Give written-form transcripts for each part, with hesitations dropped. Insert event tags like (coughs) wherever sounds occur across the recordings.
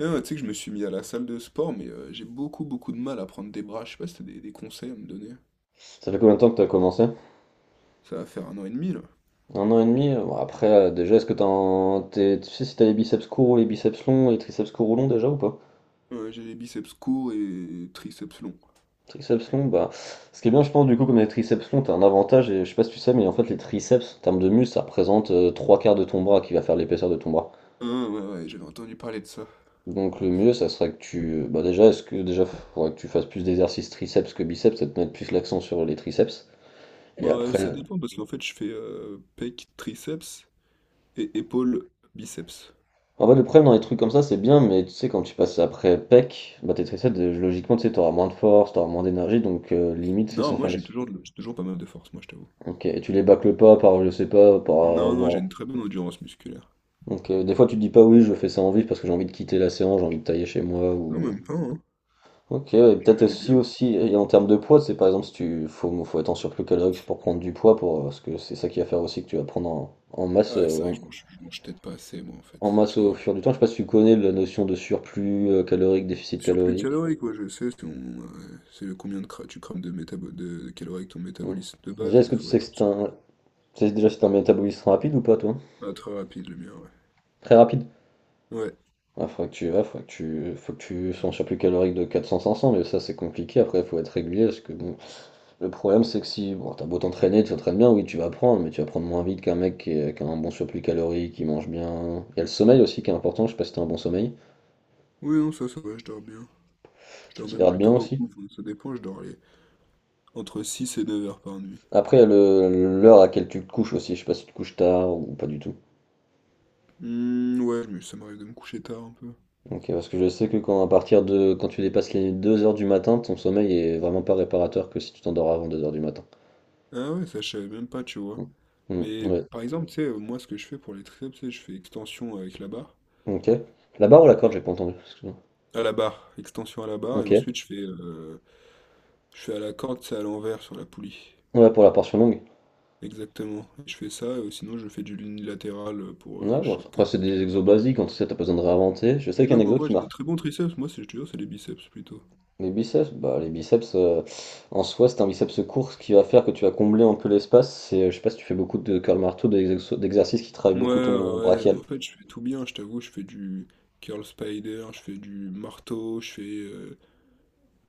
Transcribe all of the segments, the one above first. Ah, tu sais que je me suis mis à la salle de sport, mais j'ai beaucoup beaucoup de mal à prendre des bras. Je sais pas si t'as des conseils à me donner. Ça fait combien de temps que t'as commencé? Ça va faire un an et demi là. Un an et demi? Bon, après, déjà, est-ce que t'as un- t'es- tu sais si t'as les biceps courts ou les biceps longs et les triceps courts ou longs déjà ou pas? Ouais, j'ai les biceps courts et triceps longs. Triceps longs, bah. Ce qui est bien, je pense, du coup, comme les triceps longs, t'as un avantage, et je sais pas si tu sais, mais en fait, les triceps, en termes de muscle, ça représente trois quarts de ton bras qui va faire l'épaisseur de ton bras. Ah, ouais, ouais, j'avais entendu parler de ça. Donc, le mieux, ça serait que tu. Bah, déjà, faudrait que tu fasses plus d'exercices triceps que biceps, ça te mettre plus l'accent sur les triceps. Bah, Et ça après. dépend parce qu'en fait, je fais pec, triceps et épaule, biceps. En fait, le problème dans les trucs comme ça, c'est bien, mais tu sais, quand tu passes après PEC, bah t'es stressé, logiquement, tu sais, t'auras moins de force, t'auras moins d'énergie, donc limite, c'est Non, sans moi faire les... j'ai toujours pas mal de force, moi je t'avoue. Ok, et tu les bâcles pas par, je sais pas, par Non, non, j'ai avoir... une très bonne endurance musculaire. Donc des fois, tu te dis pas, oui, je fais ça en vif parce que j'ai envie de quitter la séance, j'ai envie de tailler chez moi, Non, ou... même pas, hein. Ok, et Je le peut-être fais aussi, bien. aussi, et en termes de poids, c'est par exemple, si tu... Faut être en surplus calorique pour prendre du poids, pour, parce que c'est ça qui va faire aussi que tu vas prendre en, en masse... Ah, c'est vrai que je mange peut-être pas assez, moi en en fait, masse tu au vois. fur du temps, je sais pas si tu connais la notion de surplus calorique, déficit Surplus calorique. calorique, ouais, je sais, c'est le combien tu crames de calories avec ton Hmm. métabolisme de Déjà, base, est-ce et il que tu faut sais que être c'est sur- un. Tu sais déjà si c'est un métabolisme rapide ou pas, toi? Ah, très rapide le mien, ouais. Très rapide? Ouais. Faudrait que tu. Faut que tu sois en surplus calorique de 400-500, mais ça, c'est compliqué. Après, faut être régulier, parce que bon. Le problème, c'est que si. Bon, t'as beau t'entraîner, tu t'entraînes bien, oui, tu vas prendre, mais tu vas prendre moins vite qu'un mec qui a un bon surplus calorique, qui mange bien. Il y a le sommeil aussi qui est important, je sais pas si t'as un bon sommeil. Oui, non, ça va, je dors bien. Je Tu dors même t'hydrates bien plutôt aussi. beaucoup, enfin, ça dépend, je dors entre 6 et 9 heures par nuit. Après, il y a le l'heure à laquelle tu te couches aussi, je sais pas si tu te couches tard ou pas du tout. Hmm, ouais, mais ça m'arrive de me coucher tard un peu. Ok, parce que je sais que quand à partir de quand tu dépasses les 2h du matin, ton sommeil est vraiment pas réparateur que si tu t'endors avant 2h du matin. Ah ouais, ça, je savais même pas, tu vois. Mm. Mm, Mais ouais. par exemple, tu sais, moi, ce que je fais pour les triceps, c'est je fais extension avec la barre. Ok. La barre ou la corde, et- j'ai pas entendu. Excuse-moi. À la barre, extension à la barre, et Ok. ensuite je fais à la corde, c'est à l'envers sur la poulie. Ouais, pour la portion longue. Exactement. Et je fais ça, sinon je fais du unilatéral pour Ouais, bon, chaque après côté c'est des un peu. exos basiques, en tout cas t'as pas besoin de réinventer. Je sais Mais qu'un non, mais en exo vrai, qui j'ai des marque très bons triceps. Moi, c'est, je te jure, c'est les biceps plutôt. les biceps, bah les biceps en soi c'est un biceps court, ce qui va faire que tu vas combler un peu l'espace. Je sais pas si tu fais beaucoup de curl marteau, d'exercices qui travaillent Ouais, beaucoup ton ouais, ouais. brachial. En fait, je fais tout bien, je t'avoue. Je fais du curl spider, je fais du marteau, je fais euh,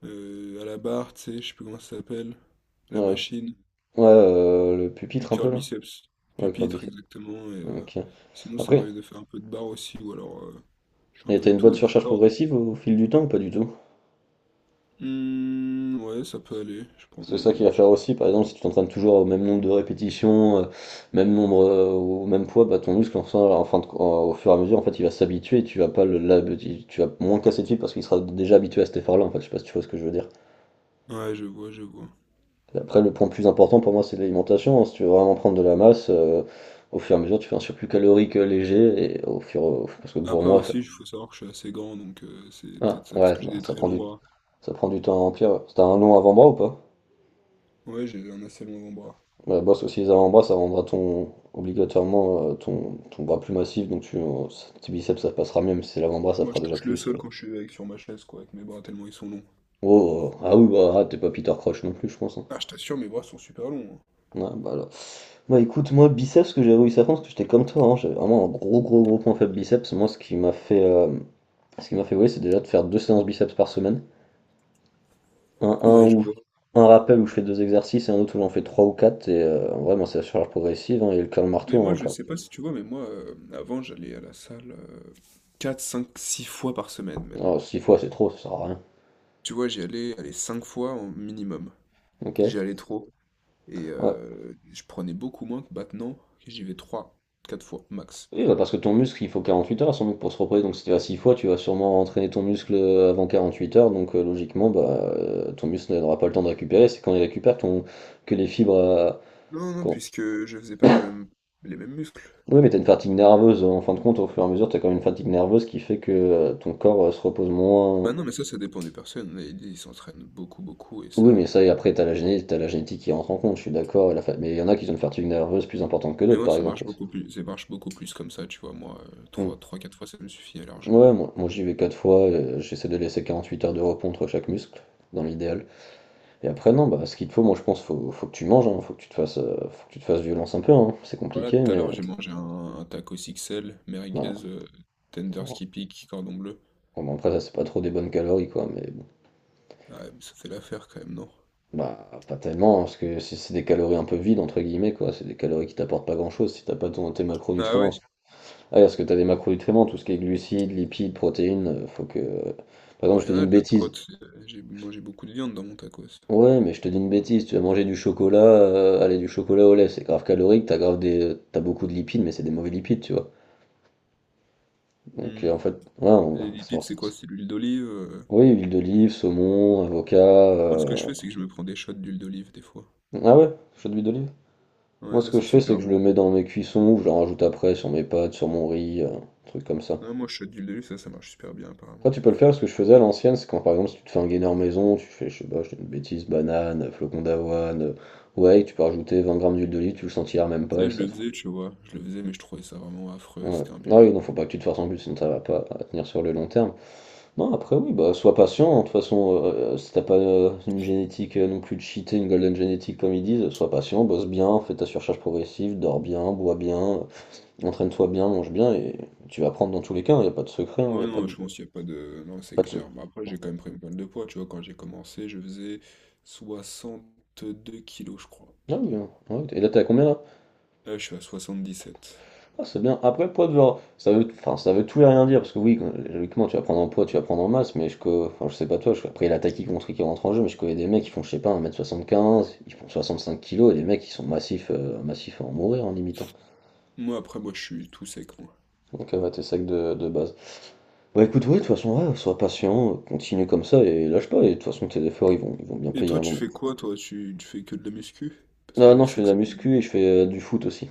euh, à la barre, tu sais, je sais plus comment ça s'appelle. Ouais, La machine, ouais, le du pupitre un peu curl là. biceps, Ouais, curl pupitre, biceps. exactement. Ok. Sinon, ça Après, m'arrive de faire un peu de barre aussi, ou alors je fais un et peu t'as de une bonne tout, de la surcharge corde. progressive au fil du temps ou pas du tout? Hmm, ouais, ça peut aller. Je prends. C'est ça qui va je- faire aussi, par exemple, si tu t'entraînes toujours au même nombre de répétitions, même nombre, au même poids, bah, ton muscle, en fin de- en- au fur et à mesure, en fait, il va s'habituer et tu vas pas tu vas moins le casser de fil parce qu'il sera déjà habitué à cet effort-là, en fait, je sais pas si tu vois ce que je veux dire. Ouais, je vois, je vois. Après, le point le plus important pour moi, c'est l'alimentation, hein. Si tu veux vraiment prendre de la masse, au fur et à mesure, tu fais un surplus calorique léger et parce que pour Après moi. aussi, il faut savoir que je suis assez grand, donc c'est Ah, peut-être ça parce ouais, que j'ai bah, des très longs bras. ça prend du temps à remplir. T'as un long avant-bras ou pas? Ouais, j'ai un assez long bras. Ouais, bosse aussi les avant-bras, ça rendra ton obligatoirement ton bras plus massif, donc tes biceps ça passera mieux, mais si c'est l'avant-bras ça Moi, fera je déjà touche le plus, sol quand je suis avec sur ma chaise, quoi, avec mes bras tellement ils sont longs. Oh, ah oui, t'es pas Peter Crouch non plus, je pense, hein. Ah, je t'assure, mes bras sont super longs, Ouais, bah, là. Bah écoute, moi biceps, ce que j'ai réussi à faire, parce que j'étais comme toi, hein, j'avais vraiment un gros gros gros point faible biceps. Moi, ce qui m'a fait, ce qui m'a fait, ouais, c'est déjà de faire deux séances biceps par semaine. Un, hein. un Ouais, je où vois. un rappel où je fais deux exercices et un autre où j'en fais trois ou quatre. Et en vrai, moi, c'est la charge progressive hein, et le curl Mais marteau. Hein, moi, le je curl. sais pas si tu vois, mais moi, avant, j'allais à la salle 4, 5, 6 fois par semaine même. Alors, six fois, c'est trop, ça sert à rien. Tu vois, j'y allais, allez, 5 fois au minimum. Ok. J'y allais trop. Et Ouais. Je prenais beaucoup moins que maintenant, que j'y vais 3, 4 fois max. Oui, bah parce que ton muscle, il faut 48 heures à son muscle pour se reposer. Donc si tu vas 6 fois, tu vas sûrement entraîner ton muscle avant 48 heures. Donc logiquement, bah, ton muscle n'aura pas le temps de récupérer. C'est quand il récupère ton... que les fibres... Non, non, quand- puisque je faisais pas les mêmes muscles. Oui, mais tu as une fatigue nerveuse, hein. En fin de compte, au fur et à mesure, tu as quand même une fatigue nerveuse qui fait que ton corps se repose Bah moins. non, mais ça dépend des personnes. Il y a ils s'entraînent beaucoup, beaucoup et ça. Et après, tu as la génétique, t'as la génétique qui rentre en compte, je suis d'accord, mais il y en a qui ont une fatigue nerveuse plus importante que Mais d'autres, moi, par ça exemple. marche beaucoup plus. Ça marche beaucoup plus comme ça, tu vois. Moi, trois Mm. trois 4 fois, ça me suffit largement. Ouais, moi, j'y vais 4 fois, j'essaie de laisser 48 heures de repos entre chaque muscle, dans l'idéal. Et après, non, bah, ce qu'il te faut, moi je pense, faut que tu manges, hein, faut que tu te fasses, faut que tu te fasses violence un peu, hein. C'est Voilà, compliqué, tout à mais l'heure, j'ai mangé un taco XL, merguez, voilà. Tender Bon, skippy, cordon bleu. bah, après, ça, c'est pas trop des bonnes calories, quoi, mais bon, Ah, ouais, mais ça fait l'affaire quand même, non? bah, pas tellement, hein, parce que c'est des calories un peu vides, entre guillemets, quoi. C'est des calories qui t'apportent pas grand-chose si t'as pas tes Ah macronutriments. ouais? Ah, parce que t'as des macronutriments, tout ce qui est glucides, lipides, protéines, faut que. Par Bah, exemple, je il y te en dis a une de la prot. bêtise. J'ai mangé beaucoup de viande dans mon tacos. Ouais, mais je te dis une bêtise, tu vas manger du chocolat, allez, du chocolat au lait, c'est grave calorique, t'as beaucoup de lipides, mais c'est des mauvais lipides, tu vois. Donc Hmm. en fait, ouais, Les c'est lipides, pour ça. c'est quoi? C'est l'huile d'olive. Oui, huile d'olive, saumon, avocat, Moi, ce que je fais, c'est que je me prends des shots d'huile d'olive des fois. ah ouais, chaud d'huile d'olive. Ouais, Moi, ce ça, que c'est je fais, c'est super que je le bon. mets dans mes cuissons ou je le rajoute après sur mes pâtes, sur mon riz, truc comme ça. Ouais, moi, shot d'huile d'olive, ça marche super bien, Après, apparemment. tu peux le faire. Ce que je faisais à l'ancienne, c'est quand par exemple, si tu te fais un gainer maison, tu fais, je sais pas, je dis une bêtise, banane, flocon d'avoine, ouais, tu peux rajouter 20 grammes d'huile d'olive, tu le sentiras même pas et Ça, je ça. le te- faisais, tu vois. Je le faisais, mais je trouvais ça vraiment affreux. Ouais. C'était Ah oui, non, imbuvable. faut pas que tu te forces en plus, sinon ça va pas tenir sur le long terme. Non, après, oui, bah, sois patient, hein. De toute façon, si t'as pas une génétique non plus cheatée, une golden génétique comme ils disent, sois patient, bosse bien, fais ta surcharge progressive, dors bien, bois bien, entraîne-toi bien, mange bien, et tu vas prendre dans tous les cas, il n'y a pas de secret, il Ouais, n'y a pas non, de, je pense qu'il n'y a pas de. Non, c'est pas de clair. sou- Bah, après, j'ai quand même pris une bonne de poids, tu vois. Quand j'ai commencé, je faisais 62 kilos, je crois. Ah oui, hein. Ouais, et là, t'es à combien là? Là, je suis à 77. Ah, c'est bien. Après, poids de genre, enfin, ça veut tout et rien dire, parce que oui, logiquement, tu vas prendre en poids, tu vas prendre en masse, enfin, je sais pas toi, après, il y a la taille qui compte, qui rentre en jeu, mais je connais des mecs qui font, je sais pas, 1,75 m, ils font 65 kilos et des mecs qui sont massifs, massifs à en mourir, en limitant. Moi, après, moi, je suis tout sec, moi. Donc, ouais, tes sacs de base. Bah écoute, oui, de toute façon, ouais, sois patient, continue comme ça, et lâche pas, et de toute façon, tes efforts, ils vont bien Et payer un toi, tu moment. fais quoi, toi? Tu fais que de la muscu? Parce Ah que je non, je sais fais de que la ça peut être. muscu, et je fais du foot aussi.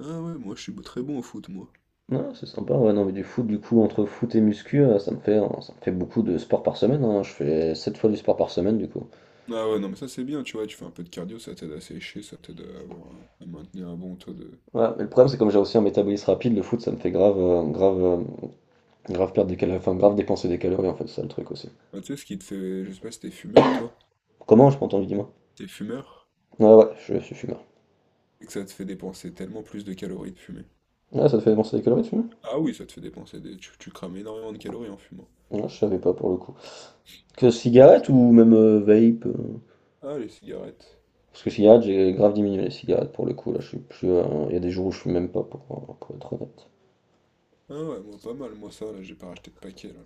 Ah ouais, moi, je suis très bon au foot, moi. Non, c'est sympa, ouais, non, mais du foot, du coup, entre foot et muscu, ça me fait beaucoup de sport par semaine, hein. Je fais 7 fois du sport par semaine, du coup. Ah ouais, non, mais ça, c'est bien, tu vois. Tu fais un peu de cardio, ça t'aide à sécher, ça t'aide à avoir à maintenir un bon taux de. Ouais, mais le problème, c'est comme j'ai aussi un métabolisme rapide, le foot, ça me fait grave, grave, grave perdre des calories, enfin, grave dépenser des calories, en fait, c'est ça le truc aussi. Ah, tu sais, ce qui te fait. Je sais pas si t'es fumeur, toi. Comment, je m'entends, dis-moi. T'es fumeur? Ouais, ouais, je suis fumeur. Et que ça te fait dépenser tellement plus de calories de fumer. Ouais, ça te fait dépenser des calories, de fumer? Ah oui, ça te fait dépenser des. Tu crames énormément de calories en fumant. Ouais, je savais pas, pour le coup. Que cigarette ou même vape? Ah, les cigarettes. Parce que cigarette, j'ai grave diminué les cigarettes, pour le coup, là, je suis plus, il y a des jours où je fume même pas, pour être honnête. Ah ouais, moi pas mal, moi ça, là, j'ai pas racheté de paquet, là.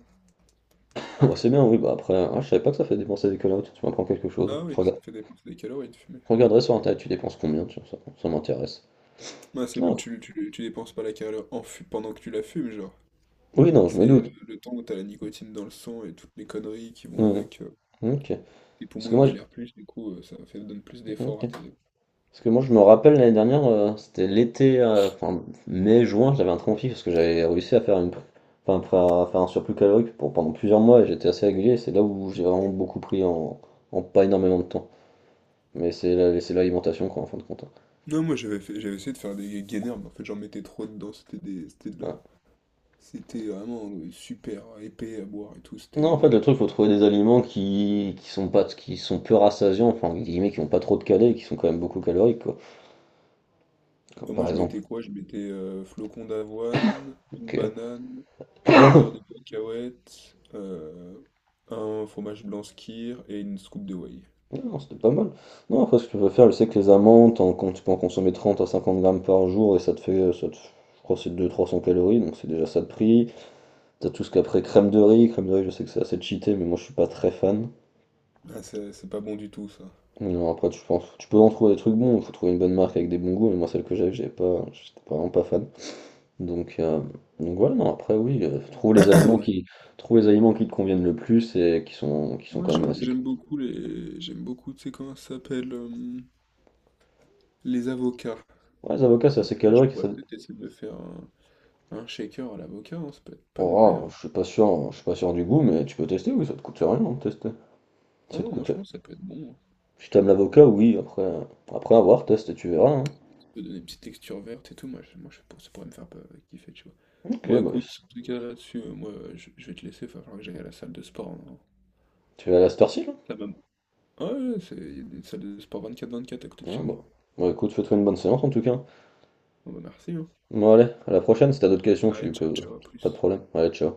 Ah bah, c'est bien, oui, bah après, ah, je savais pas que ça fait dépenser des calories, tu m'apprends quelque chose. Ah oui, ça te fait dépenser des calories de fumer. Je regarderai sur internet, tu dépenses combien, tiens, ça m'intéresse. Ah, c'est pas- Ah, tu dépenses pas la calorie pendant que tu la fumes, genre. oui, non, je me C'est doute. le temps où t'as la nicotine dans le sang et toutes les conneries qui vont Hmm, avec. ok. Tes Parce poumons, que ils moi, je... galèrent plus, du coup, donne plus ok. d'efforts à tes. Parce que moi, je me rappelle l'année dernière, c'était l'été, mai-juin, j'avais un conflit parce que j'avais réussi à faire enfin, à faire un surplus calorique pour pendant plusieurs mois et j'étais assez régulier, c'est là où j'ai vraiment beaucoup pris en... en pas énormément de temps. C'est l'alimentation, quoi, en fin de compte, hein. Non, moi j'avais essayé de faire des gainers, mais en fait j'en mettais trop dedans, c'était de la. Ouais. C'était vraiment super épais à boire et tout, c'était Non, en une fait, le horreur. truc, faut trouver des aliments qui sont pas, qui sont peu rassasiants, enfin, entre guillemets, qui ont pas trop de calais, qui sont quand même beaucoup caloriques, quoi. Comme Bah, moi, par je exemple, mettais quoi? Je mettais flocons d'avoine, ok. une banane, du (coughs) beurre de cacahuète, un fromage blanc skyr et une scoop de whey. Non, c'était pas mal. Non, après, ce que tu peux faire, je sais que les amandes, quand tu peux en consommer 30 à 50 grammes par jour, et ça te fait, je crois, que c'est deux trois cents calories, donc c'est déjà ça de prix. T'as tout ce qu'après, crème de riz, je sais que c'est assez cheaté, mais moi, je suis pas très fan. Ah, c'est pas bon du tout, ça. Non, après, tu penses, tu peux en trouver des trucs bons, faut trouver une bonne marque avec des bons goûts, mais moi, celle que j'avais, j'avais pas, j'étais pas vraiment pas fan. Donc, voilà, non, après oui, (coughs) (clears throat) Ouais. Trouve les aliments qui te conviennent le plus et qui sont Moi, quand même j'aime assez. j'aime beaucoup les. J'aime beaucoup, tu sais comment ça s'appelle? Les avocats. Ouais, les avocats, c'est Et ben, assez moi, je calorique. Ça... pourrais peut-être essayer de me faire un shaker à l'avocat, hein, ça peut être pas Oh, mauvais, ah, hein. Je suis pas sûr du goût, mais tu peux tester, oui, ça te coûte rien de tester. Ah Ça te non, moi, coûte. je pense que ça peut être bon, hein. Si t'aimes l'avocat, oui, après, teste et tu verras, hein. Peux donner une petite texture verte et tout, moi, moi je, ça pourrait me faire pas kiffer, tu vois. Ok, Moi, bah, écoute, en tout cas, là-dessus, moi, je vais te laisser, il va falloir que j'aille à la salle de sport, hein. tu vas à la cette heure-ci, là? La même. Ouais, ouais, il y a des salles de sport 24/24 à côté de Ah, chez moi. bon. Bon, écoute, fais-toi une bonne séance en tout cas. Bon, bah, merci, hein. Bon, allez, à la prochaine, si t'as d'autres questions, Allez, tu ciao, peux. ciao, à Pas de plus. problème. Allez, ciao.